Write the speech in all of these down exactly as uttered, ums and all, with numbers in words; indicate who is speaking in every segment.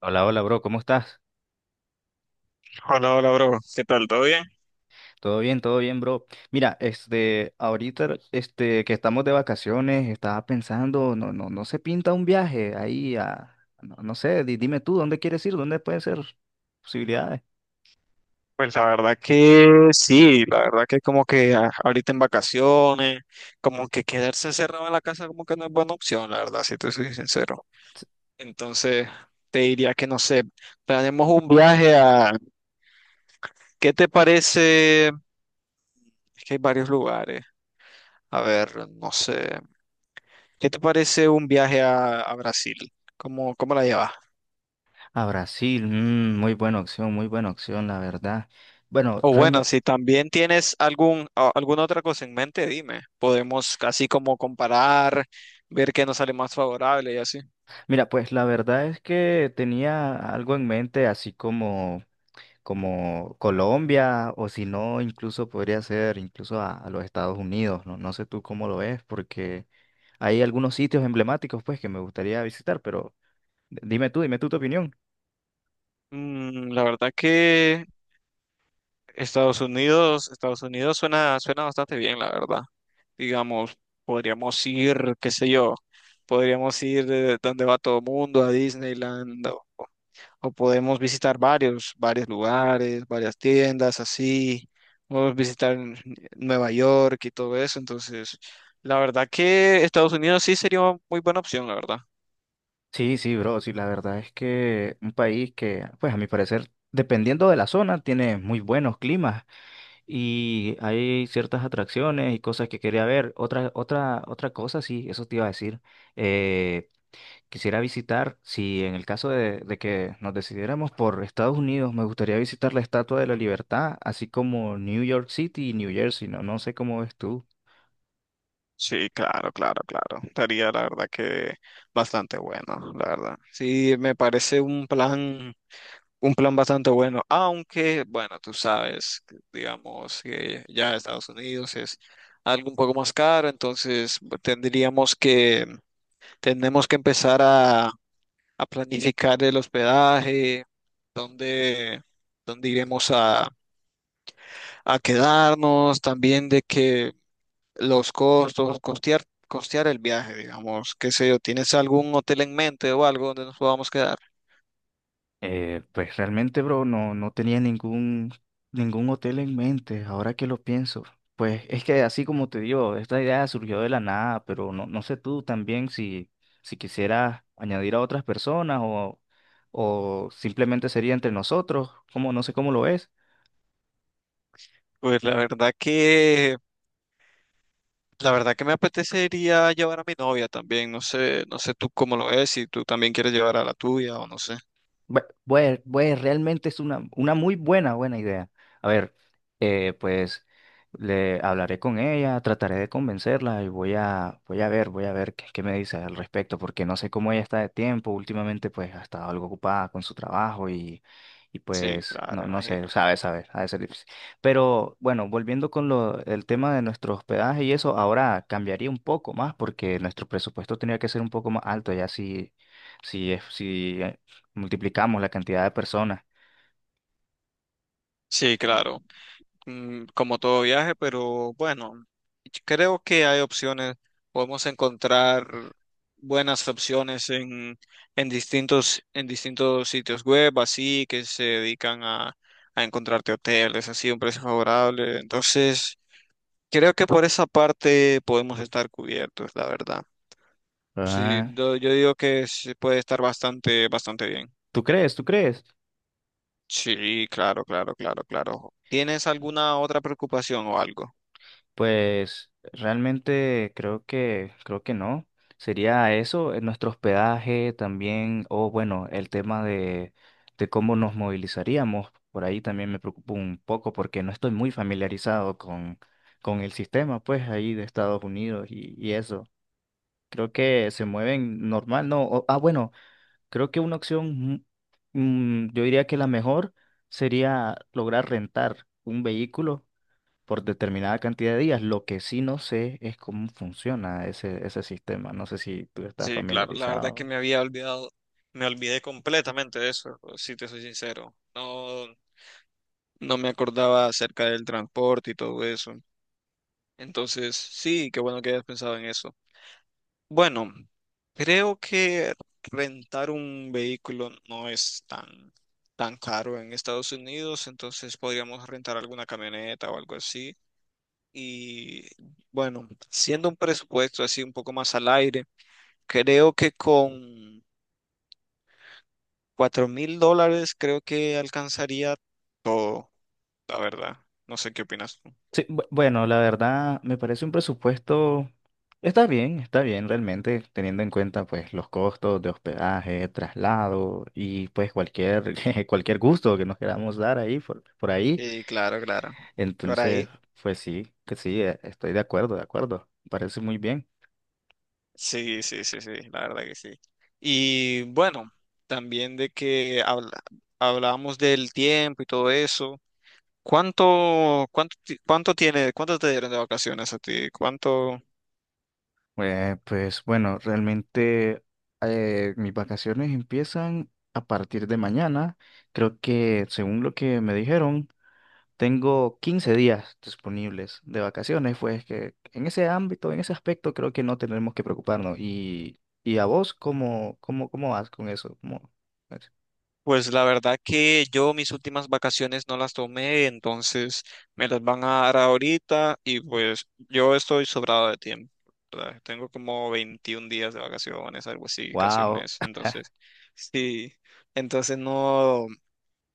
Speaker 1: Hola, hola, bro, ¿cómo estás?
Speaker 2: Hola, hola, bro. ¿Qué tal? ¿Todo bien?
Speaker 1: Todo bien, todo bien, bro. Mira, este, ahorita, este, que estamos de vacaciones, estaba pensando, no, no, no se pinta un viaje ahí a, no, no sé, di- dime tú, ¿dónde quieres ir? ¿Dónde pueden ser posibilidades?
Speaker 2: Pues la verdad que sí, la verdad que como que a- ahorita en vacaciones, como que quedarse cerrado en la casa como que no es buena opción, la verdad, si te soy sincero. Entonces, te diría que no sé, planeemos un viaje a, ¿qué te parece? Es que hay varios lugares. A ver, no sé. ¿Qué te parece un viaje a, a Brasil? ¿Cómo, cómo la llevas?
Speaker 1: A Brasil, mm, muy buena opción, muy buena opción, la verdad. Bueno,
Speaker 2: O bueno,
Speaker 1: realmente,
Speaker 2: si también tienes algún, a- alguna otra cosa en mente, dime. Podemos así como comparar, ver qué nos sale más favorable y así.
Speaker 1: mira, pues la verdad es que tenía algo en mente, así como como Colombia o si no, incluso podría ser incluso a, a los Estados Unidos, ¿no? No sé tú cómo lo ves, porque hay algunos sitios emblemáticos pues que me gustaría visitar, pero d- dime tú, dime tú tu opinión.
Speaker 2: Mm, la verdad que Estados Unidos, Estados Unidos suena, suena bastante bien, la verdad. Digamos, podríamos ir, qué sé yo, podríamos ir de donde va todo el mundo, a Disneyland o podemos visitar varios, varios lugares, varias tiendas, así, podemos visitar Nueva York y todo eso, entonces, la verdad que Estados Unidos sí sería una muy buena opción, la verdad.
Speaker 1: Sí, sí, bro, sí, la verdad es que un país que, pues a mi parecer, dependiendo de la zona, tiene muy buenos climas y hay ciertas atracciones y cosas que quería ver. Otra, otra, otra cosa, sí, eso te iba a decir. eh, Quisiera visitar, si en el caso de, de que nos decidiéramos por Estados Unidos, me gustaría visitar la Estatua de la Libertad, así como New York City y New Jersey, ¿no? No sé cómo ves tú.
Speaker 2: Sí, claro, claro, claro. Estaría, la verdad que bastante bueno, la verdad. Sí, me parece un plan, un plan bastante bueno, aunque, bueno, tú sabes, que, digamos que ya Estados Unidos es algo un poco más caro, entonces bu- tendríamos que tenemos que empezar a, a planificar el hospedaje, dónde, dónde iremos a, a quedarnos, también de que los costos, costear, costear el viaje, digamos, qué sé yo, ¿tienes algún hotel en mente o algo donde nos podamos quedar?
Speaker 1: Eh, pues realmente, bro, no, no tenía ningún, ningún hotel en mente, ahora que lo pienso. Pues es que así como te digo, esta idea surgió de la nada, pero no, no sé tú también si, si quisieras añadir a otras personas o, o simplemente sería entre nosotros, como, no sé cómo lo ves.
Speaker 2: Pues la verdad que, la verdad que me apetecería llevar a mi novia también, no sé, no sé tú cómo lo ves, si tú también quieres llevar a la tuya o no sé.
Speaker 1: Bue- bue- bue- realmente es una, una muy buena, buena idea. A ver, eh, pues le hablaré con ella, trataré de convencerla y voy a, voy a ver, voy a ver qué, qué me dice al respecto, porque no sé cómo ella está de tiempo. Últimamente, pues ha estado algo ocupada con su trabajo y, y
Speaker 2: Sí,
Speaker 1: pues
Speaker 2: claro,
Speaker 1: no, no sé,
Speaker 2: imagino.
Speaker 1: sabe, sabe, ha de ser difícil. Pero bueno, volviendo con lo, el tema de nuestro hospedaje y eso, ahora cambiaría un poco más porque nuestro presupuesto tenía que ser un poco más alto, ya si si, es- si multiplicamos la cantidad de personas.
Speaker 2: Sí, claro. Mm, como todo viaje, pero bueno, creo que hay opciones, podemos encontrar buenas opciones en, en distintos, en distintos sitios web, así que se dedican a, a encontrarte hoteles, así a un precio favorable. Entonces, creo que por esa parte podemos estar cubiertos, la verdad. Sí,
Speaker 1: Ah,
Speaker 2: yo, yo digo que se puede estar bastante, bastante bien.
Speaker 1: ¿tú crees? ¿Tú crees?
Speaker 2: Sí, claro, claro, claro, claro. ¿Tienes alguna otra preocupación o algo?
Speaker 1: Pues realmente creo que creo que no. Sería eso, eh, nuestro hospedaje también, o bueno, el tema de, de cómo nos movilizaríamos. Por ahí también me preocupa un poco porque no estoy muy familiarizado con, con el sistema, pues, ahí de Estados Unidos y, y eso. Creo que se mueven normal, ¿no? O- ah, bueno. Creo que una opción, mm, mm, yo diría que la mejor sería lograr rentar un vehículo por determinada cantidad de días. Lo que sí no sé es cómo funciona ese, ese sistema. No sé si tú estás
Speaker 2: Sí, claro, la verdad que
Speaker 1: familiarizado.
Speaker 2: me había olvidado, me olvidé completamente de eso, si te soy sincero. No, no me acordaba acerca del transporte y todo eso. Entonces, sí, qué bueno que hayas pensado en eso. Bueno, creo que rentar un vehículo no es tan, tan caro en Estados Unidos, entonces podríamos rentar alguna camioneta o algo así. Y bueno, siendo un presupuesto así un poco más al aire, creo que con cuatro mil dólares creo que alcanzaría todo, la verdad. No sé qué opinas tú.
Speaker 1: Sí, bu- bueno, la verdad me parece un presupuesto, está bien, está bien realmente, teniendo en cuenta pues los costos de hospedaje, traslado y pues cualquier, cualquier gusto que nos queramos dar ahí por, por ahí.
Speaker 2: Sí, claro, claro. Por
Speaker 1: Entonces,
Speaker 2: ahí.
Speaker 1: pues sí, que sí, eh, estoy de acuerdo, de acuerdo. Me parece muy bien.
Speaker 2: Sí, sí, sí, sí, la verdad que sí. Y bueno, también de que habla- hablábamos del tiempo y todo eso. ¿Cuánto, cuánto, ti- cuánto tiene, cuánto te dieron de vacaciones a ti? ¿Cuánto?
Speaker 1: Eh, pues bueno, realmente eh, mis vacaciones empiezan a partir de mañana. Creo que, según lo que me dijeron, tengo quince días disponibles de vacaciones. Pues que en ese ámbito, en ese aspecto, creo que no tenemos que preocuparnos. ¿Y, y a vos cómo, cómo, cómo vas con eso? ¿Cómo?
Speaker 2: Pues la verdad que yo mis últimas vacaciones no las tomé, entonces me las van a dar ahorita y pues yo estoy sobrado de tiempo. ¿Verdad? Tengo como veintiún días de vacaciones, algo así, casi un
Speaker 1: Wow.
Speaker 2: mes. Entonces, sí, entonces no,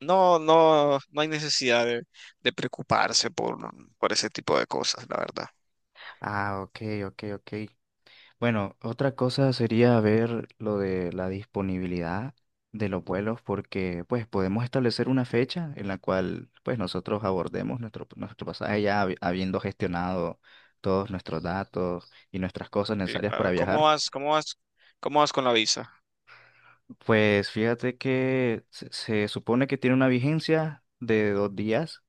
Speaker 2: no, no, no hay necesidad de, de preocuparse por, por ese tipo de cosas, la verdad.
Speaker 1: Ah, ok, ok, ok. Bueno, otra cosa sería ver lo de la disponibilidad de los vuelos porque pues podemos establecer una fecha en la cual pues nosotros abordemos nuestro, nuestro pasaje ya habi- habiendo gestionado todos nuestros datos y nuestras cosas
Speaker 2: Sí,
Speaker 1: necesarias
Speaker 2: claro.
Speaker 1: para
Speaker 2: ¿Cómo
Speaker 1: viajar.
Speaker 2: vas, cómo vas, cómo vas con la visa?
Speaker 1: Pues fíjate que se, se supone que tiene una vigencia de dos días.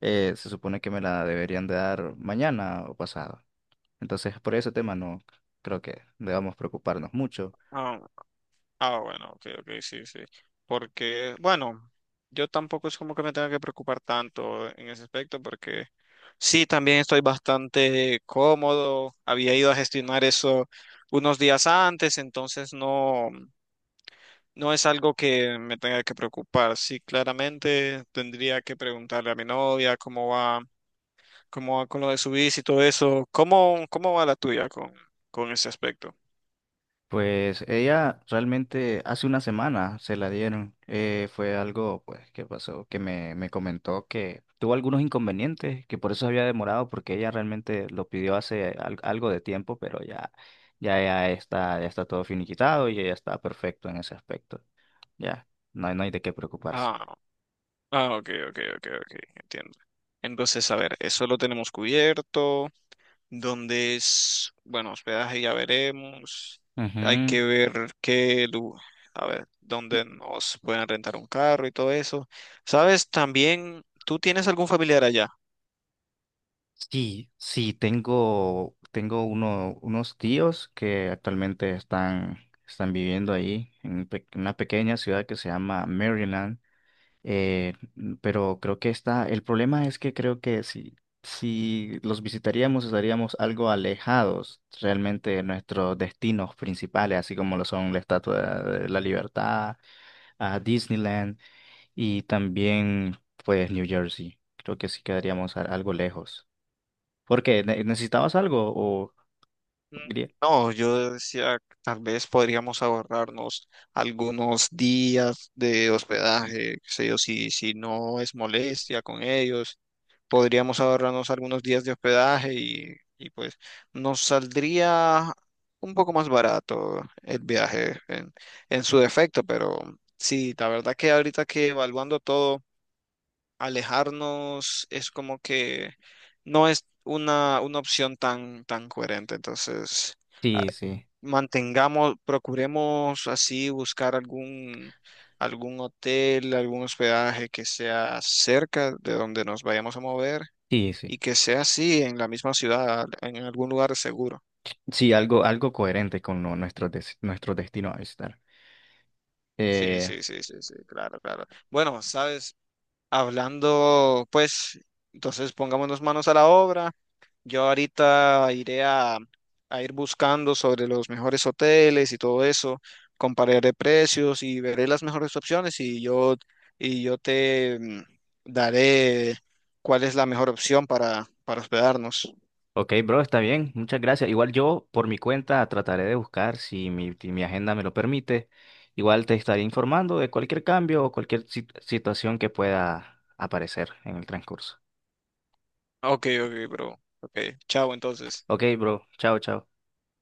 Speaker 1: eh, Se supone que me la deberían de dar mañana o pasado. Entonces por ese tema no creo que debamos preocuparnos mucho.
Speaker 2: Ah, ah, bueno, ok, ok, sí, sí. Porque, bueno, yo tampoco es como que me tenga que preocupar tanto en ese aspecto, porque sí, también estoy bastante cómodo. Había ido a gestionar eso unos días antes, entonces no, no es algo que me tenga que preocupar. Sí, claramente tendría que preguntarle a mi novia cómo va, cómo va con lo de su bici y todo eso. ¿Cómo, cómo va la tuya con, con ese aspecto?
Speaker 1: Pues ella realmente hace una semana se la dieron. Eh, fue algo pues que pasó, que me, me comentó que tuvo algunos inconvenientes, que por eso había demorado, porque ella realmente lo pidió hace al- algo de tiempo, pero ya, ya, ya está, ya está todo finiquitado y ella está perfecto en ese aspecto. Ya, no hay, no hay de qué preocuparse.
Speaker 2: Ah. Ah, ok, ok, ok, ok, entiendo. Entonces, a ver, eso lo tenemos cubierto. ¿Dónde es? Bueno, hospedaje ya veremos. Hay
Speaker 1: Ujú.
Speaker 2: que ver qué, lu- a ver, dónde nos pueden rentar un carro y todo eso. ¿Sabes? También, ¿tú tienes algún familiar allá?
Speaker 1: Sí, sí, tengo, tengo uno, unos tíos que actualmente están, están viviendo ahí en un pe- una pequeña ciudad que se llama Maryland, eh, n- pero creo que está, el problema es que creo que si, si los visitaríamos estaríamos algo alejados realmente de nuestros destinos principales, así como lo son la Estatua de la Libertad, a Disneyland y también pues New Jersey. Creo que sí quedaríamos a- algo lejos. ¿Por qué? ¿Ne- ¿Necesitabas algo? O...
Speaker 2: Mm,
Speaker 1: diría...
Speaker 2: No, yo decía, tal vez podríamos ahorrarnos algunos días de hospedaje, qué sé yo, si, si no es molestia con ellos. Podríamos ahorrarnos algunos días de hospedaje y, y, pues nos saldría un poco más barato el viaje en, en su defecto, pero sí, la verdad que ahorita que evaluando todo, alejarnos es como que no es una, una opción tan, tan coherente, entonces ah,
Speaker 1: Sí, sí,
Speaker 2: mantengamos, procuremos así buscar algún... algún hotel, algún hospedaje que sea cerca de donde nos vayamos a mover
Speaker 1: sí, sí.
Speaker 2: y que sea así en la misma ciudad, en algún lugar seguro.
Speaker 1: Sí, algo, algo coherente con lo- nuestro, des- nuestro destino a visitar.
Speaker 2: Sí,
Speaker 1: Eh,
Speaker 2: sí, sí, sí, sí, claro, claro. Bueno, sabes, hablando, pues, entonces pongámonos manos a la obra. Yo ahorita iré a, a ir buscando sobre los mejores hoteles y todo eso, compararé precios y veré las mejores opciones y yo, y yo te mm, daré cuál es la mejor opción para, para hospedarnos.
Speaker 1: ok, bro, está bien. Muchas gracias. Igual yo, por mi cuenta, trataré de buscar, si mi, si mi agenda me lo permite. Igual te estaré informando de cualquier cambio o cualquier sit- situación que pueda aparecer en el transcurso.
Speaker 2: Ok, ok, bro. Ok, chao entonces.
Speaker 1: Ok, bro. Chao, chao.